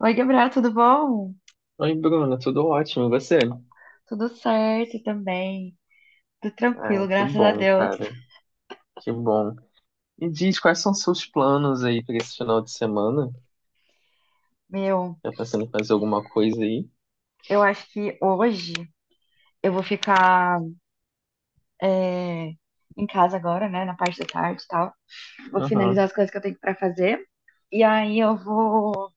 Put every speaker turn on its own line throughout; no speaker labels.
Oi, Gabriel, tudo bom?
Oi, Bruna, tudo ótimo, e você?
Tudo certo também. Tudo
Ah,
tranquilo,
que
graças a
bom,
Deus.
cara, que bom. E diz, quais são seus planos aí para esse final de semana?
Meu,
Tá pensando em fazer alguma coisa aí?
eu acho que hoje eu vou ficar é, em casa agora, né? Na parte da tarde e tal. Vou finalizar
Aham.
as coisas que eu tenho pra fazer. E aí eu vou,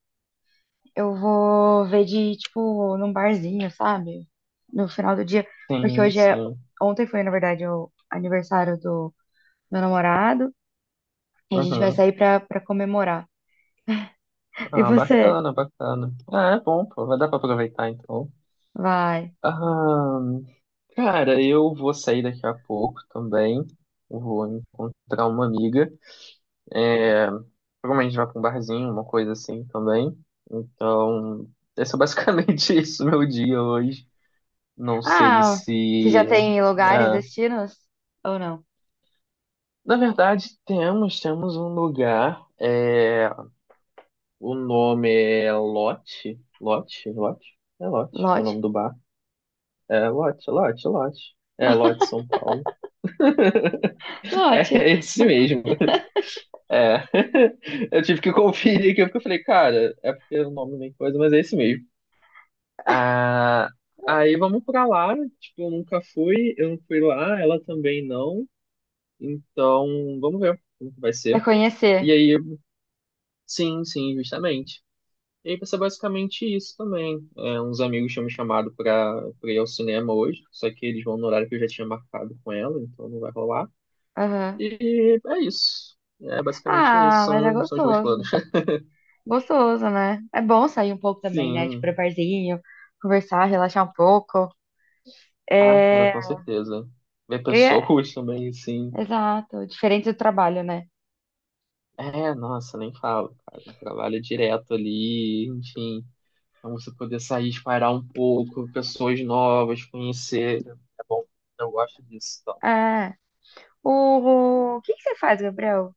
eu vou ver de, tipo, num barzinho, sabe? No final do dia. Porque
Sim,
hoje é.
sim.
Ontem foi, na verdade, o aniversário do meu namorado. E a gente vai
Uhum.
sair pra comemorar. E
Ah,
você?
bacana, bacana. Ah, é bom, pô, vai dar pra aproveitar então.
Vai.
Ah, cara, eu vou sair daqui a pouco também. Vou encontrar uma amiga. É, Provavelmente vai pra um barzinho, uma coisa assim também. Então, esse é basicamente isso, meu dia hoje. Não sei
Ah, você já
se.
tem lugares,
é,
destinos? Ou não?
Na verdade, temos um lugar. O nome é Lote. Lote? Lote? É Lote, o
Lote?
nome do bar. É Lote, Lote, Lote. É Lote São Paulo.
Lote.
É esse mesmo. É. Eu tive que conferir aqui porque eu falei, cara, é porque o nome nem coisa, mas é esse mesmo. Ah, aí vamos pra lá. Tipo, eu nunca fui, eu não fui lá, ela também não. Então, vamos ver como que vai
Vai
ser. E
conhecer.
aí, sim, sim, justamente. E aí vai ser basicamente isso também. É, uns amigos tinham me chamado pra ir ao cinema hoje, só que eles vão no horário que eu já tinha marcado com ela, então não vai rolar.
Aham.
E é isso. É basicamente isso.
Ah, mas é
São os meus planos.
gostoso. Gostoso, né? É bom sair um pouco também, né? Tipo, pra
Sim.
barzinho, conversar, relaxar um pouco.
Ah, cara,
É.
com certeza. Ver
eu ia-
pessoas também, sim.
Exato. Diferente do trabalho, né?
É, nossa, nem falo, cara. Trabalho direto ali, enfim. Então você poder sair, espairar um pouco, pessoas novas, conhecer. É bom, eu gosto disso, então.
É. O que que você faz, Gabriel?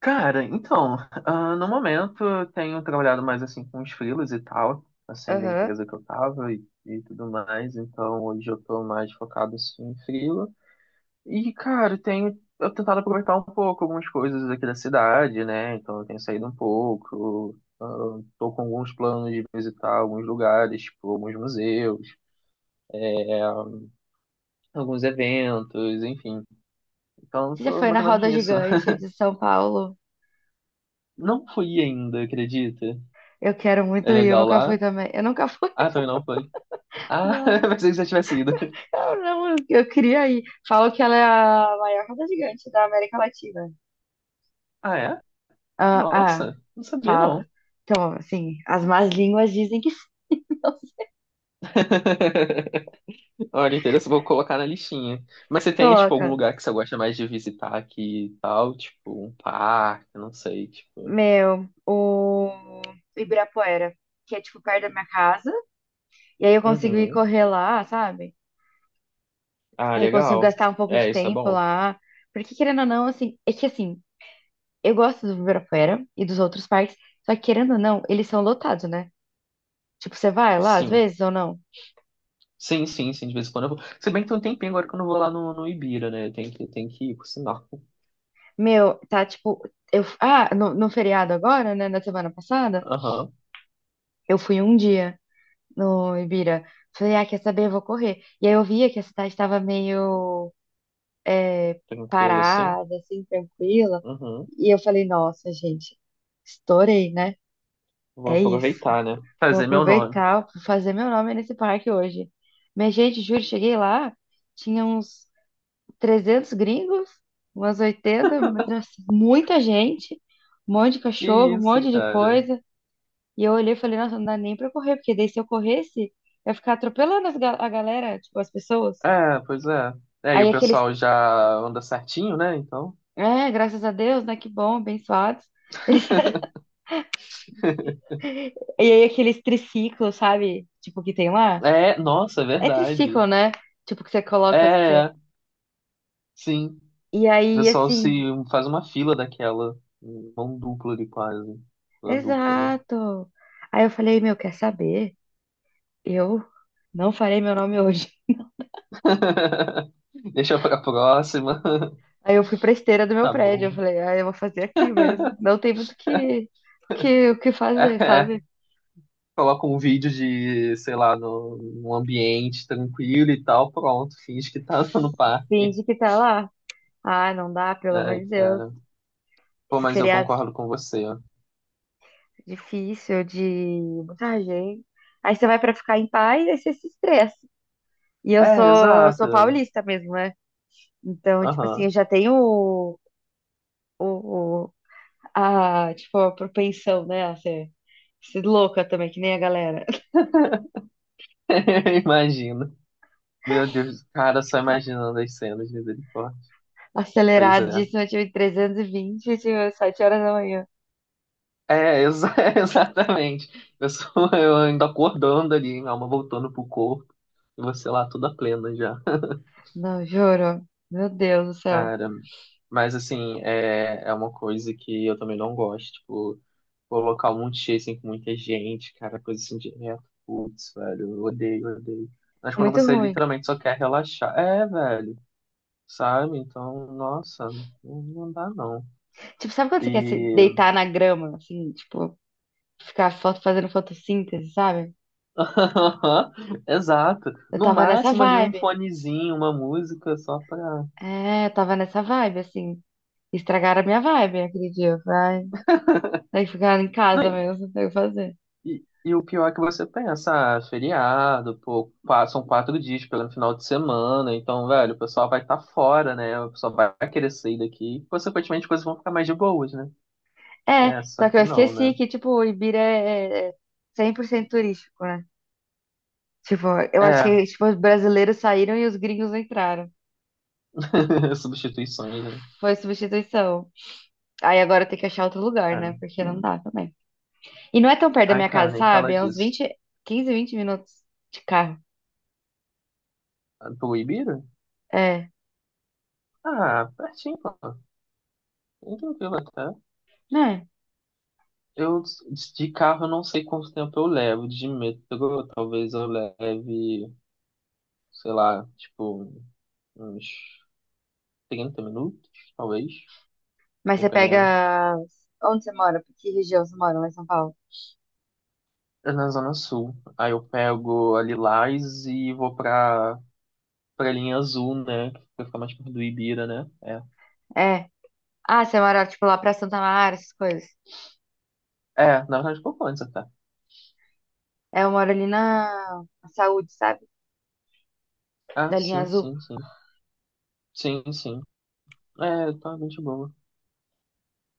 Cara, então, no momento eu tenho trabalhado mais assim com os freelas e tal, assim, da
Aham.
empresa que eu tava e tudo mais. Então hoje eu tô mais focado assim em freela. E, cara, eu tentado aproveitar um pouco algumas coisas aqui da cidade, né? Então, eu tenho saído um pouco. Tô com alguns planos de visitar alguns lugares, tipo, alguns museus, alguns eventos, enfim. Então,
Você já
tô
foi
mais
na
ou menos
roda
nisso.
gigante de São Paulo?
Não fui ainda, acredita?
Eu quero muito
É
ir, eu
legal
nunca
lá?
fui também. Eu nunca fui,
Ah, também não foi. Ah,
não.
pensei que você tivesse ido.
Eu não, eu queria ir. Falam que ela é a maior roda gigante da América Latina.
Ah, é?
Ah, ah,
Nossa, não sabia
fala.
não.
Então, assim, as más línguas dizem que não.
Olha, interessante, vou colocar na listinha. Mas você tem, tipo, algum
Coloca,
lugar que você gosta mais de visitar aqui e tal? Tipo, um parque, não sei, tipo.
meu, o Ibirapuera, que é tipo perto da minha casa. E aí eu consigo ir
Uhum.
correr lá, sabe?
Ah,
Aí eu consigo
legal.
gastar um pouco
É,
de
isso é
tempo
bom.
lá. Porque querendo ou não, assim, é que assim, eu gosto do Ibirapuera e dos outros parques, só que querendo ou não, eles são lotados, né? Tipo, você vai lá às
Sim.
vezes ou não?
Sim, sim, sim, de vez em quando eu vou. Se bem que tem um tempinho agora que eu não vou lá no Ibira, né? Eu tenho que ir, por sinal.
Meu, tá tipo. Eu, ah, no feriado agora, né? Na semana passada,
Aham.
eu fui um dia no Ibira. Falei, ah, quer saber? Eu vou correr. E aí eu via que a cidade estava meio é,
Tranquilo, assim.
parada, assim, tranquila.
Uhum.
E eu falei, nossa, gente, estourei, né?
Vou
É isso.
aproveitar, né?
Vou
Fazer meu nome.
aproveitar, vou fazer meu nome nesse parque hoje. Minha gente, juro, cheguei lá, tinha uns 300 gringos, umas 80, nossa, muita gente, um monte de
Que
cachorro, um
isso,
monte de
cara.
coisa. E eu olhei e falei, nossa, não dá nem pra correr, porque daí se eu corresse, eu ia ficar atropelando a galera, tipo, as pessoas.
É, pois é. É, e
Aí
o
aqueles,
pessoal já anda certinho, né? Então.
é, graças a Deus, né, que bom, abençoados. E aí aqueles triciclos, sabe? Tipo, que tem lá.
É, nossa, é
É
verdade.
triciclo, né? Tipo, que você
É,
coloca. Que você...
é, sim.
E
O
aí,
pessoal se
assim,
faz uma fila daquela. Mão dupla de quase. Uma dupla, né?
exato. Aí eu falei, meu, quer saber? Eu não farei meu nome hoje.
Deixa pra próxima.
Aí eu fui pra esteira do meu
Tá
prédio, eu
bom.
falei, ah, eu vou fazer aqui mesmo. Não tem muito o o que
É,
fazer,
é.
sabe?
Coloca um vídeo de, sei lá, no, num ambiente tranquilo e tal, pronto, finge que tá no parque.
Finge que tá lá. Ah, não dá, pelo amor
Ai,
de Deus.
cara. Pô,
Esse
mas eu
feriado
concordo com você.
é difícil, de muita gente. Aí você vai pra ficar em paz, aí você se estressa. E eu
É,
sou, sou
exato.
paulista mesmo, né? Então, tipo assim, eu
Aham.
já tenho o, a, tipo, a propensão, né, a ser, ser louca também, que nem a galera.
Imagina. Meu Deus, cara, só imaginando as cenas, misericórdia. Pois é.
Aceleradíssima, eu tive 320, eu tive 7 horas da manhã.
É, exatamente. Eu ainda acordando ali, minha alma voltando pro corpo, e você lá toda plena já.
Não, juro. Meu Deus do céu.
Cara, mas assim, é uma coisa que eu também não gosto, tipo, colocar um monte de cheio, assim, com muita gente, cara, coisa assim direto. Putz, velho, eu odeio, eu odeio. Mas
É
quando
muito
você
ruim.
literalmente só quer relaxar, é, velho, sabe? Então, nossa, não, não dá não.
Tipo, sabe quando você quer se
E
deitar na grama, assim, tipo, ficar foto, fazendo fotossíntese, sabe?
exato.
Eu
No
tava nessa
máximo ali um
vibe.
fonezinho, uma música só pra.
É, eu tava nessa vibe, assim. Estragaram a minha vibe aquele dia. Eu falei, ai, tem que ficar em
Não,
casa mesmo, não tem o que fazer.
e o pior é que você pensa, ah, feriado, pô, são 4 dias pelo final de semana, então, velho, o pessoal vai estar fora, né? O pessoal vai querer sair daqui. Consequentemente, as coisas vão ficar mais de boas, né?
É,
É, só
só que
que
eu
não, né?
esqueci que, tipo, o Ibira é 100% turístico, né? Tipo, eu acho
É,
que tipo, os brasileiros saíram e os gringos entraram.
substituições, né?
Foi substituição. Aí agora tem que achar outro lugar,
É.
né? Porque não dá também. E não é tão perto da
Ai,
minha
cara,
casa,
nem
sabe?
fala
É uns
disso.
20, 15, 20 minutos de carro.
Ah, Ibira.
É,
Ah, pertinho, pô. Bem tranquilo até.
né?
Eu, de carro, eu não sei quanto tempo eu levo. De metrô, talvez eu leve, sei lá, tipo, uns 30 minutos, talvez,
Mas você
dependendo.
pega. Onde você mora? Que região você mora lá em São Paulo?
É na Zona Sul. Aí eu pego a Lilás e vou pra linha azul, né? Que fica mais perto do Ibira, né? É.
É. Ah, você mora, tipo, lá pra Santa Mara, essas coisas.
É, na verdade, pouco antes até.
É, eu moro ali na Saúde, sabe?
Ah,
Da linha
sim,
azul.
sim, sim. Sim, sim. É, tá bem de boa.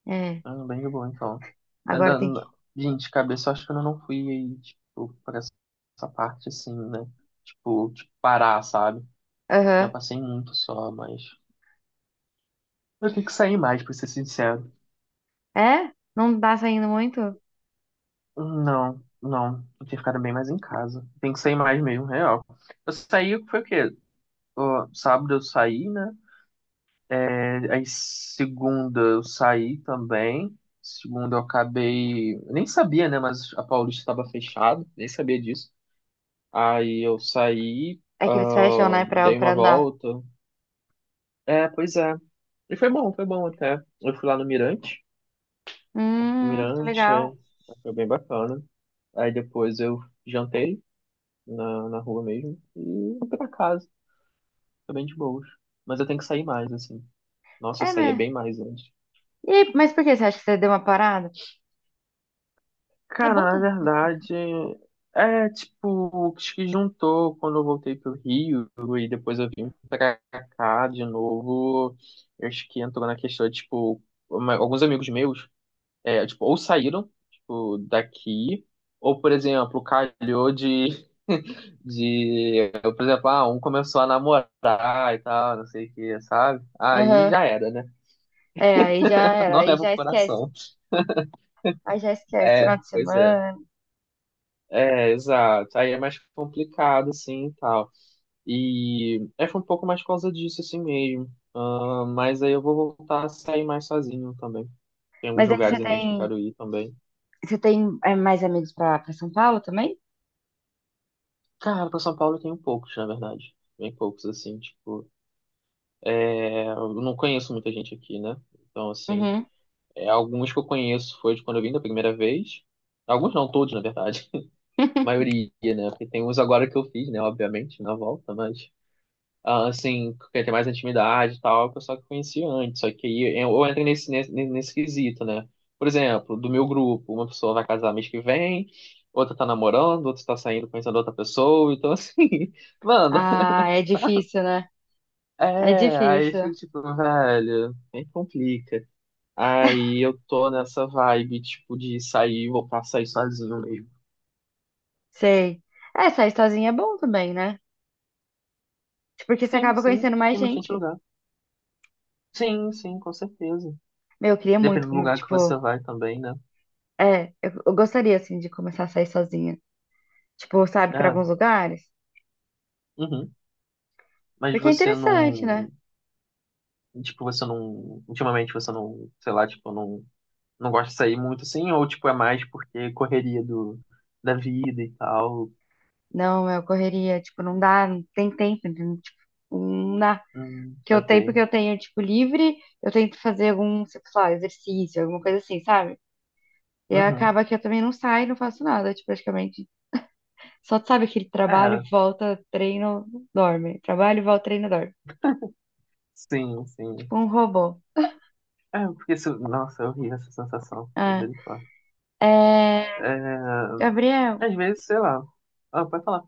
É.
Ah, bem de boa, então.
Agora
Ainda,
tem que.
gente, de cabeça, eu acho que eu não fui aí, tipo, pra essa parte assim, né? Tipo, de parar, sabe? Já
Aham.
passei muito só, mas. Eu tenho que sair mais, pra ser sincero.
É? Não tá saindo muito?
Não, não. Eu tenho ficado bem mais em casa. Tem que sair mais mesmo, real. Eu saí, foi o quê? Ó, sábado eu saí, né? É, aí segunda eu saí também. Segunda eu acabei. Eu nem sabia, né? Mas a Paulista estava fechada, nem sabia disso. Aí eu saí,
É que eles fecham, né? Pra,
dei uma
pra andar.
volta. É, pois é. E foi bom até. Eu fui lá no Mirante. O
Que
Mirante,
legal.
foi bem bacana. Aí depois eu jantei na rua mesmo e fui pra casa. Foi bem de boas. Mas eu tenho que sair mais, assim. Nossa, eu
É,
saía
né?
bem mais antes.
E, mas por que você acha que você deu uma parada? É bom
Cara, na
também.
verdade, é tipo o que juntou quando eu voltei pro Rio e depois eu vim pra cá de novo. Eu acho que entrou na questão, tipo, alguns amigos meus, tipo, ou saíram, tipo, daqui, ou, por exemplo, calhou de, de, por exemplo, um começou a namorar e tal, não sei o que, sabe? Aí já era, né?
É, aí já era,
Não
aí
leva o
já esquece.
coração.
Aí já esquece,
É,
final de
pois é.
semana.
É, exato. Aí é mais complicado, assim, e tal. E foi um pouco mais por causa disso, assim mesmo. Ah, mas aí eu vou voltar a sair mais sozinho também. Tem alguns
Mas aí
lugares em mente que eu quero ir também.
você tem é, mais amigos pra São Paulo também?
Cara, pra São Paulo eu tenho poucos, na verdade. Bem poucos, assim, tipo... Eu não conheço muita gente aqui, né? Então, assim,
Uhum.
alguns que eu conheço foi de quando eu vim da primeira vez. Alguns não, todos, na verdade. A maioria, né? Porque tem uns agora que eu fiz, né? Obviamente, na volta, mas... assim, quer ter mais intimidade e tal, o pessoal que eu conhecia antes. Só que aí eu entrei nesse quesito, né? Por exemplo, do meu grupo, uma pessoa vai casar mês que vem, outra tá namorando, outra tá saindo conhecendo outra pessoa, então assim, mano,
Ah, é difícil, né? É
aí eu
difícil.
fico tipo, velho, nem complica. Aí eu tô nessa vibe, tipo, de sair, voltar a sair sozinho mesmo.
Sei. É, sair sozinha é bom também, né? Tipo, porque você
Sim,
acaba
sim,
conhecendo mais
tem bastante
gente.
lugar. Sim, sim, com certeza.
Meu, eu queria
Depende
muito,
do
como,
lugar que você
tipo,
vai também, né?
é, eu gostaria, assim, de começar a sair sozinha. Tipo, sabe, pra
É.
alguns lugares.
Uhum. Mas
Porque é
você
interessante, né?
não, tipo, você não, ultimamente você não, sei lá, tipo, não, não gosta de sair muito assim, ou tipo, é mais porque correria do, da vida e tal.
Não, eu correria, tipo, não dá, não tem tempo, não, tipo, não dá. Que eu tenho,
Saquei.
porque eu tenho, tipo, livre, eu tento fazer algum, sei lá, exercício, alguma coisa assim, sabe? E
Uhum.
acaba que eu também não saio, não faço nada, tipo, praticamente. Só sabe aquele trabalho,
É,
volta, treino, dorme. Trabalho, volta, treino, dorme.
sim, sim.
Tipo um robô.
É, porque se, nossa, eu ri essa sensação.
Ah,
Misericórdia.
é...
É,
Gabriel,
às vezes, sei lá. Ah, pode falar.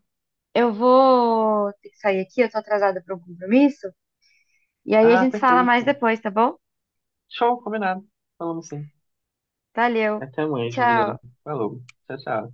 eu vou ter que sair aqui, eu tô atrasada para um compromisso. E aí a
Ah,
gente fala mais
perfeito.
depois, tá bom?
Show, combinado. Falamos sim.
Valeu.
Até amanhã,
Tchau.
Juliana. Falou. Tchau, tchau.